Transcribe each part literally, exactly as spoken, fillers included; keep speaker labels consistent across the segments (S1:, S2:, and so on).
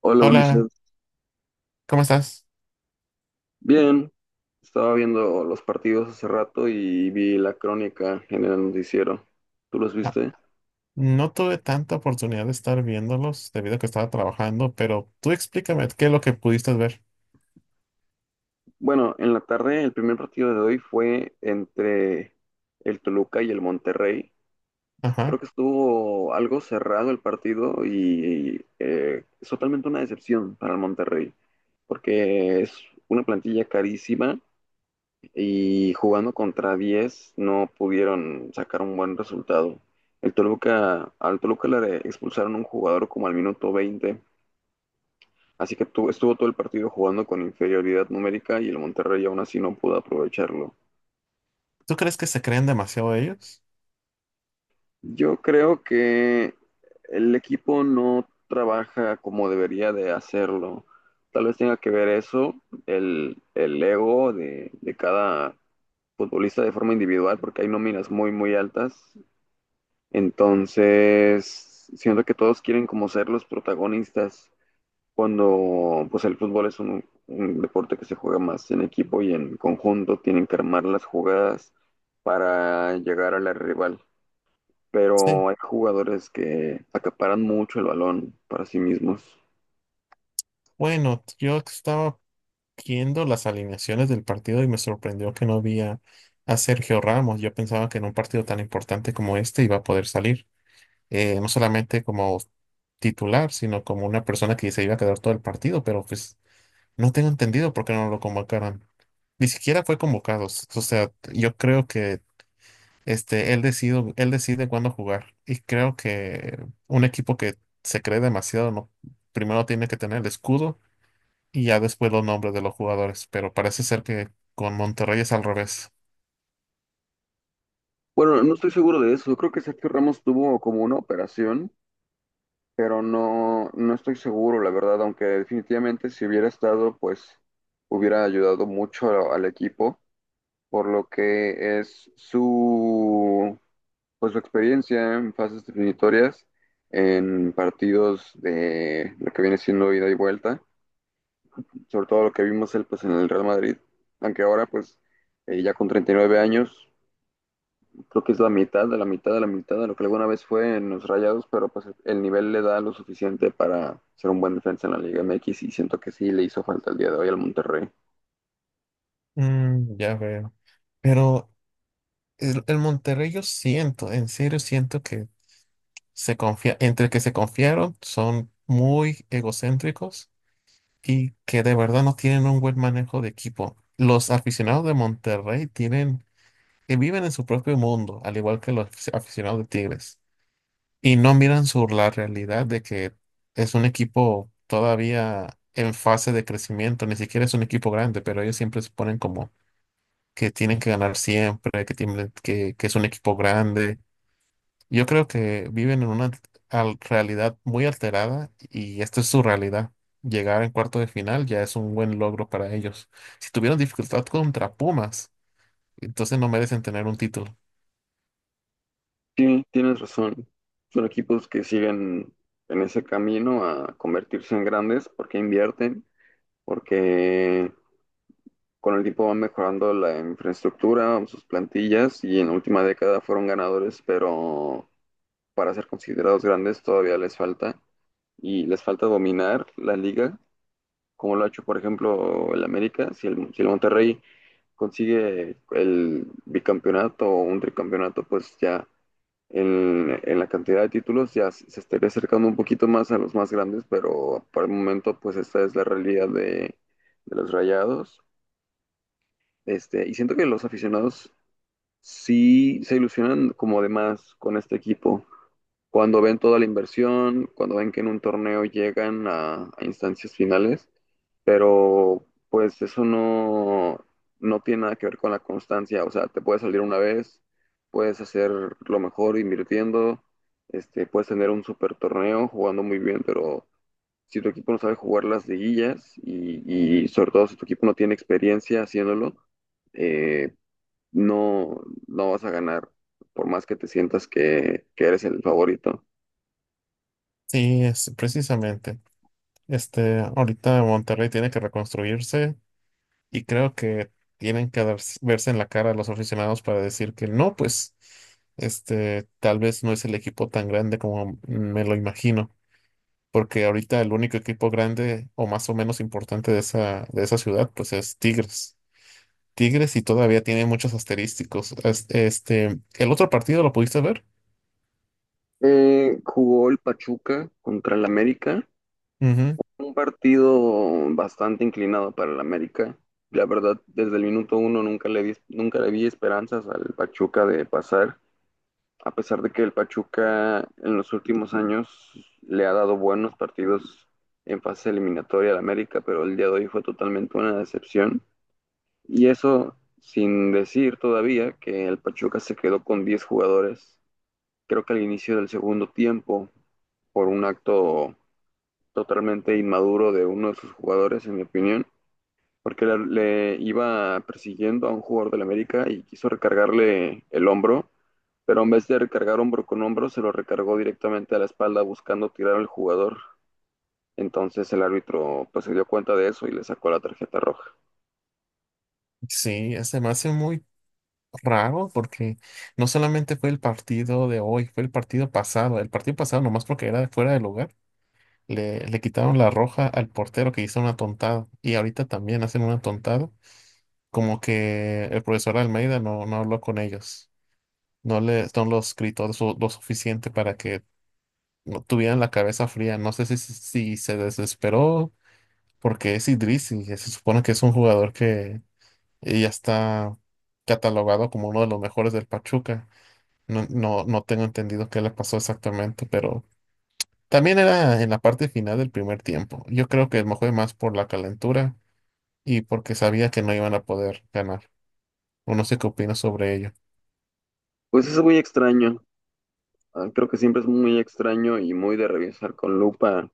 S1: Hola
S2: Hola,
S1: Ulises,
S2: ¿cómo estás?
S1: bien, estaba viendo los partidos hace rato y vi la crónica en el noticiero. ¿Tú los
S2: Ah,
S1: viste?
S2: no tuve tanta oportunidad de estar viéndolos debido a que estaba trabajando, pero tú explícame qué es lo que pudiste ver.
S1: Bueno, en la tarde el primer partido de hoy fue entre el Toluca y el Monterrey.
S2: Ajá.
S1: Creo que estuvo algo cerrado el partido y eh, es totalmente una decepción para el Monterrey, porque es una plantilla carísima y jugando contra diez no pudieron sacar un buen resultado. El Toluca, al Toluca le expulsaron un jugador como al minuto veinte, así que tu- estuvo todo el partido jugando con inferioridad numérica y el Monterrey aún así no pudo aprovecharlo.
S2: ¿Tú crees que se creen demasiado ellos?
S1: Yo creo que el equipo no trabaja como debería de hacerlo. Tal vez tenga que ver eso, el, el ego de, de cada futbolista de forma individual, porque hay nóminas muy, muy altas. Entonces, siento que todos quieren como ser los protagonistas, cuando pues el fútbol es un, un deporte que se juega más en equipo y en conjunto, tienen que armar las jugadas para llegar a la rival.
S2: Sí.
S1: Pero hay jugadores que acaparan mucho el balón para sí mismos.
S2: Bueno, yo estaba viendo las alineaciones del partido y me sorprendió que no vi a, a Sergio Ramos. Yo pensaba que en un partido tan importante como este iba a poder salir, eh, no solamente como titular, sino como una persona que se iba a quedar todo el partido, pero pues No tengo entendido por qué no lo convocaron. Ni siquiera fue convocado. s- O sea, yo creo que este, él decide, él decide cuándo jugar. Y creo que un equipo que se cree demasiado, no, primero tiene que tener el escudo y ya después los nombres de los jugadores. Pero parece ser que con Monterrey es al revés.
S1: Bueno, no estoy seguro de eso. Creo que Sergio Ramos tuvo como una operación, pero no, no estoy seguro, la verdad, aunque definitivamente si hubiera estado, pues hubiera ayudado mucho a- al equipo por lo que es su, pues, su experiencia en fases definitorias, en partidos de lo que viene siendo ida y vuelta, sobre todo lo que vimos él pues, en el Real Madrid, aunque ahora pues eh, ya con treinta y nueve años, creo que es la mitad de la mitad de la mitad de lo que alguna vez fue en los Rayados, pero pues el nivel le da lo suficiente para ser un buen defensa en la Liga M equis y siento que sí le hizo falta el día de hoy al Monterrey.
S2: Mm, ya veo. Pero el, el Monterrey yo siento, en serio siento que se confía, entre que se confiaron, son muy egocéntricos y que de verdad no tienen un buen manejo de equipo. Los aficionados de Monterrey tienen que viven en su propio mundo, al igual que los afici- aficionados de Tigres, y no miran sobre la realidad de que es un equipo todavía en fase de crecimiento, ni siquiera es un equipo grande, pero ellos siempre se ponen como que tienen que ganar siempre, que tienen que, que es un equipo grande. Yo creo que viven en una al- realidad muy alterada y esta es su realidad. Llegar en cuarto de final ya es un buen logro para ellos. Si tuvieron dificultad contra Pumas, entonces no merecen tener un título.
S1: Sí, tienes razón. Son equipos que siguen en ese camino a convertirse en grandes porque invierten, porque con el tiempo van mejorando la infraestructura, sus plantillas y en la última década fueron ganadores, pero para ser considerados grandes todavía les falta, y les falta dominar la liga, como lo ha hecho, por ejemplo, el América. Si el, si el Monterrey consigue el bicampeonato o un tricampeonato, pues ya en, en la cantidad de títulos ya se se estaría acercando un poquito más a los más grandes, pero por el momento pues esta es la realidad de, de los Rayados. Este, y siento que los aficionados sí se ilusionan como de más con este equipo. Cuando ven toda la inversión, cuando ven que en un torneo llegan a, a instancias finales, pero pues eso no, no tiene nada que ver con la constancia, o sea, te puede salir una vez, puedes hacer lo mejor invirtiendo, este, puedes tener un super torneo jugando muy bien, pero si tu equipo no sabe jugar las liguillas y, y sobre todo si tu equipo no tiene experiencia haciéndolo, eh, no, no vas a ganar, por más que te sientas que, que eres el favorito.
S2: Sí, es precisamente. Este, ahorita Monterrey tiene que reconstruirse y creo que tienen que darse- verse en la cara a los aficionados para decir que no, pues, este, tal vez no es el equipo tan grande como me lo imagino. Porque ahorita el único equipo grande o más o menos importante de esa, de esa ciudad, pues es Tigres. Tigres y todavía tiene muchos asterísticos. Es- Este, ¿el otro partido lo pudiste ver?
S1: Eh, jugó el Pachuca contra el América,
S2: Ujú.
S1: un partido bastante inclinado para el América. La verdad, desde el minuto uno nunca le di, nunca le vi esperanzas al Pachuca de pasar, a pesar de que el Pachuca en los últimos años le ha dado buenos partidos en fase eliminatoria al América, pero el día de hoy fue totalmente una decepción. Y eso sin decir todavía que el Pachuca se quedó con diez jugadores, creo que al inicio del segundo tiempo, por un acto totalmente inmaduro de uno de sus jugadores, en mi opinión, porque le, le iba persiguiendo a un jugador del América y quiso recargarle el hombro, pero en vez de recargar hombro con hombro, se lo recargó directamente a la espalda buscando tirar al jugador. Entonces el árbitro pues se dio cuenta de eso y le sacó la tarjeta roja.
S2: Sí, se me hace muy raro porque no solamente fue el partido de hoy, fue el partido pasado. El partido pasado, nomás porque era fuera de lugar, le, le quitaron la roja al portero que hizo una tontada. Y ahorita también hacen una tontada. Como que el profesor Almeida no, no habló con ellos. No le, no los escrito lo, lo suficiente para que no tuvieran la cabeza fría. No sé si, si se desesperó porque es Idris y se supone que es un jugador que ya está catalogado como uno de los mejores del Pachuca. No, no, no tengo entendido qué le pasó exactamente, pero también era en la parte final del primer tiempo. Yo creo que me fue más por la calentura y porque sabía que no iban a poder ganar. O no sé qué opino sobre ello.
S1: Pues es muy extraño, ah, creo que siempre es muy extraño y muy de revisar con lupa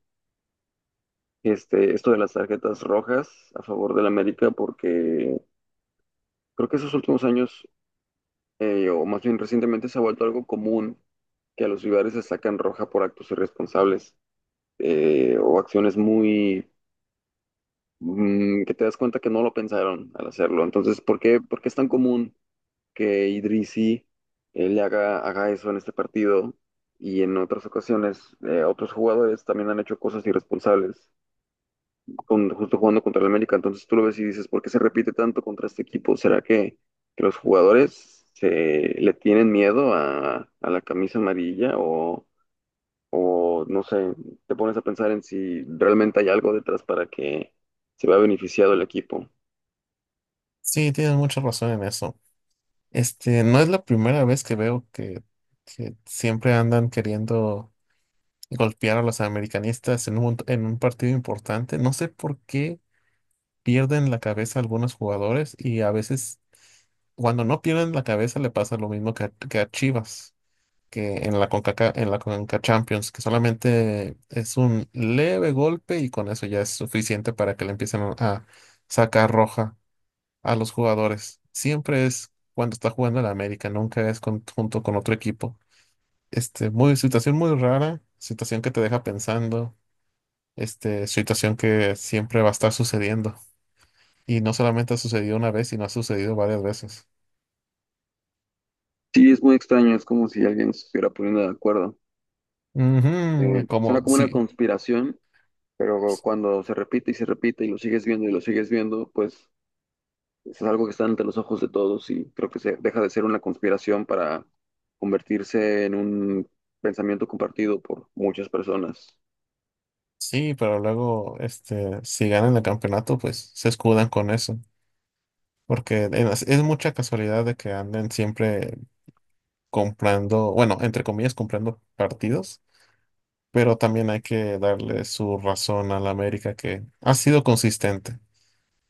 S1: este, esto de las tarjetas rojas a favor del América, porque creo que esos últimos años, eh, o más bien recientemente, se ha vuelto algo común que a los rivales se sacan roja por actos irresponsables, eh, o acciones muy mm, que te das cuenta que no lo pensaron al hacerlo. Entonces, ¿por qué, por qué es tan común que Idrisi eh, le haga, haga eso en este partido? Y en otras ocasiones, eh, otros jugadores también han hecho cosas irresponsables, con, justo jugando contra el América, entonces tú lo ves y dices, ¿por qué se repite tanto contra este equipo? ¿Será que, que los jugadores se, le tienen miedo a, a la camisa amarilla o, o no sé, te pones a pensar en si realmente hay algo detrás para que se vea beneficiado el equipo?
S2: Sí, tienes mucha razón en eso. Este, no es la primera vez que veo que, que siempre andan queriendo golpear a los americanistas en un, en un partido importante. No sé por qué pierden la cabeza algunos jugadores y a veces cuando no pierden la cabeza le pasa lo mismo que a, que a Chivas, que en la CONCACA, en la CONCACAF Champions, que solamente es un leve golpe y con eso ya es suficiente para que le empiecen a a sacar roja a los jugadores. Siempre es cuando está jugando el América, nunca es con- junto con otro equipo. Este, muy, situación muy rara, situación que te deja pensando, este, situación que siempre va a estar sucediendo. Y no solamente ha sucedido una vez, sino ha sucedido varias veces.
S1: Sí, es muy extraño, es como si alguien se estuviera poniendo de acuerdo. Eh,
S2: Ujú, como
S1: suena como una
S2: sí,
S1: conspiración, pero cuando se repite y se repite y lo sigues viendo y lo sigues viendo, pues es algo que está ante los ojos de todos y creo que se deja de ser una conspiración para convertirse en un pensamiento compartido por muchas personas.
S2: sí, pero luego, este, si ganan el campeonato, pues se escudan con eso. Porque en- es, es mucha casualidad de que anden siempre comprando, bueno, entre comillas, comprando partidos, pero también hay que darle su razón al América que ha sido consistente.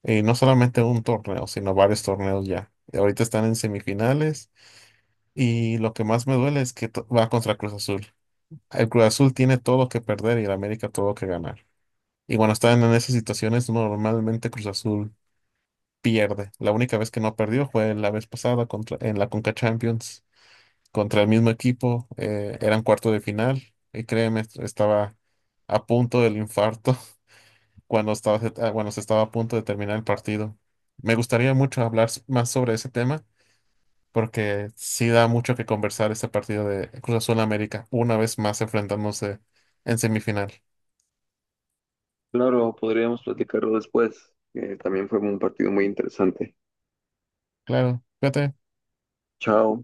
S2: Y no solamente un torneo, sino varios torneos ya. Y ahorita están en semifinales y lo que más me duele es que to- va contra Cruz Azul. El Cruz Azul tiene todo lo que perder y el América todo lo que ganar. Y cuando están en esas situaciones, normalmente Cruz Azul pierde. La única vez que no perdió fue la vez pasada contra, en la Conca Champions contra el mismo equipo. Eh, eran cuarto de final y créeme, estaba a punto del infarto cuando estaba, ah, cuando se estaba a punto de terminar el partido. Me gustaría mucho hablar s- más sobre ese tema porque sí da mucho que conversar este partido de Cruz Azul América, una vez más enfrentándose en semifinal.
S1: Claro, podríamos platicarlo después, que también fue un partido muy interesante.
S2: Claro, fíjate.
S1: Chao.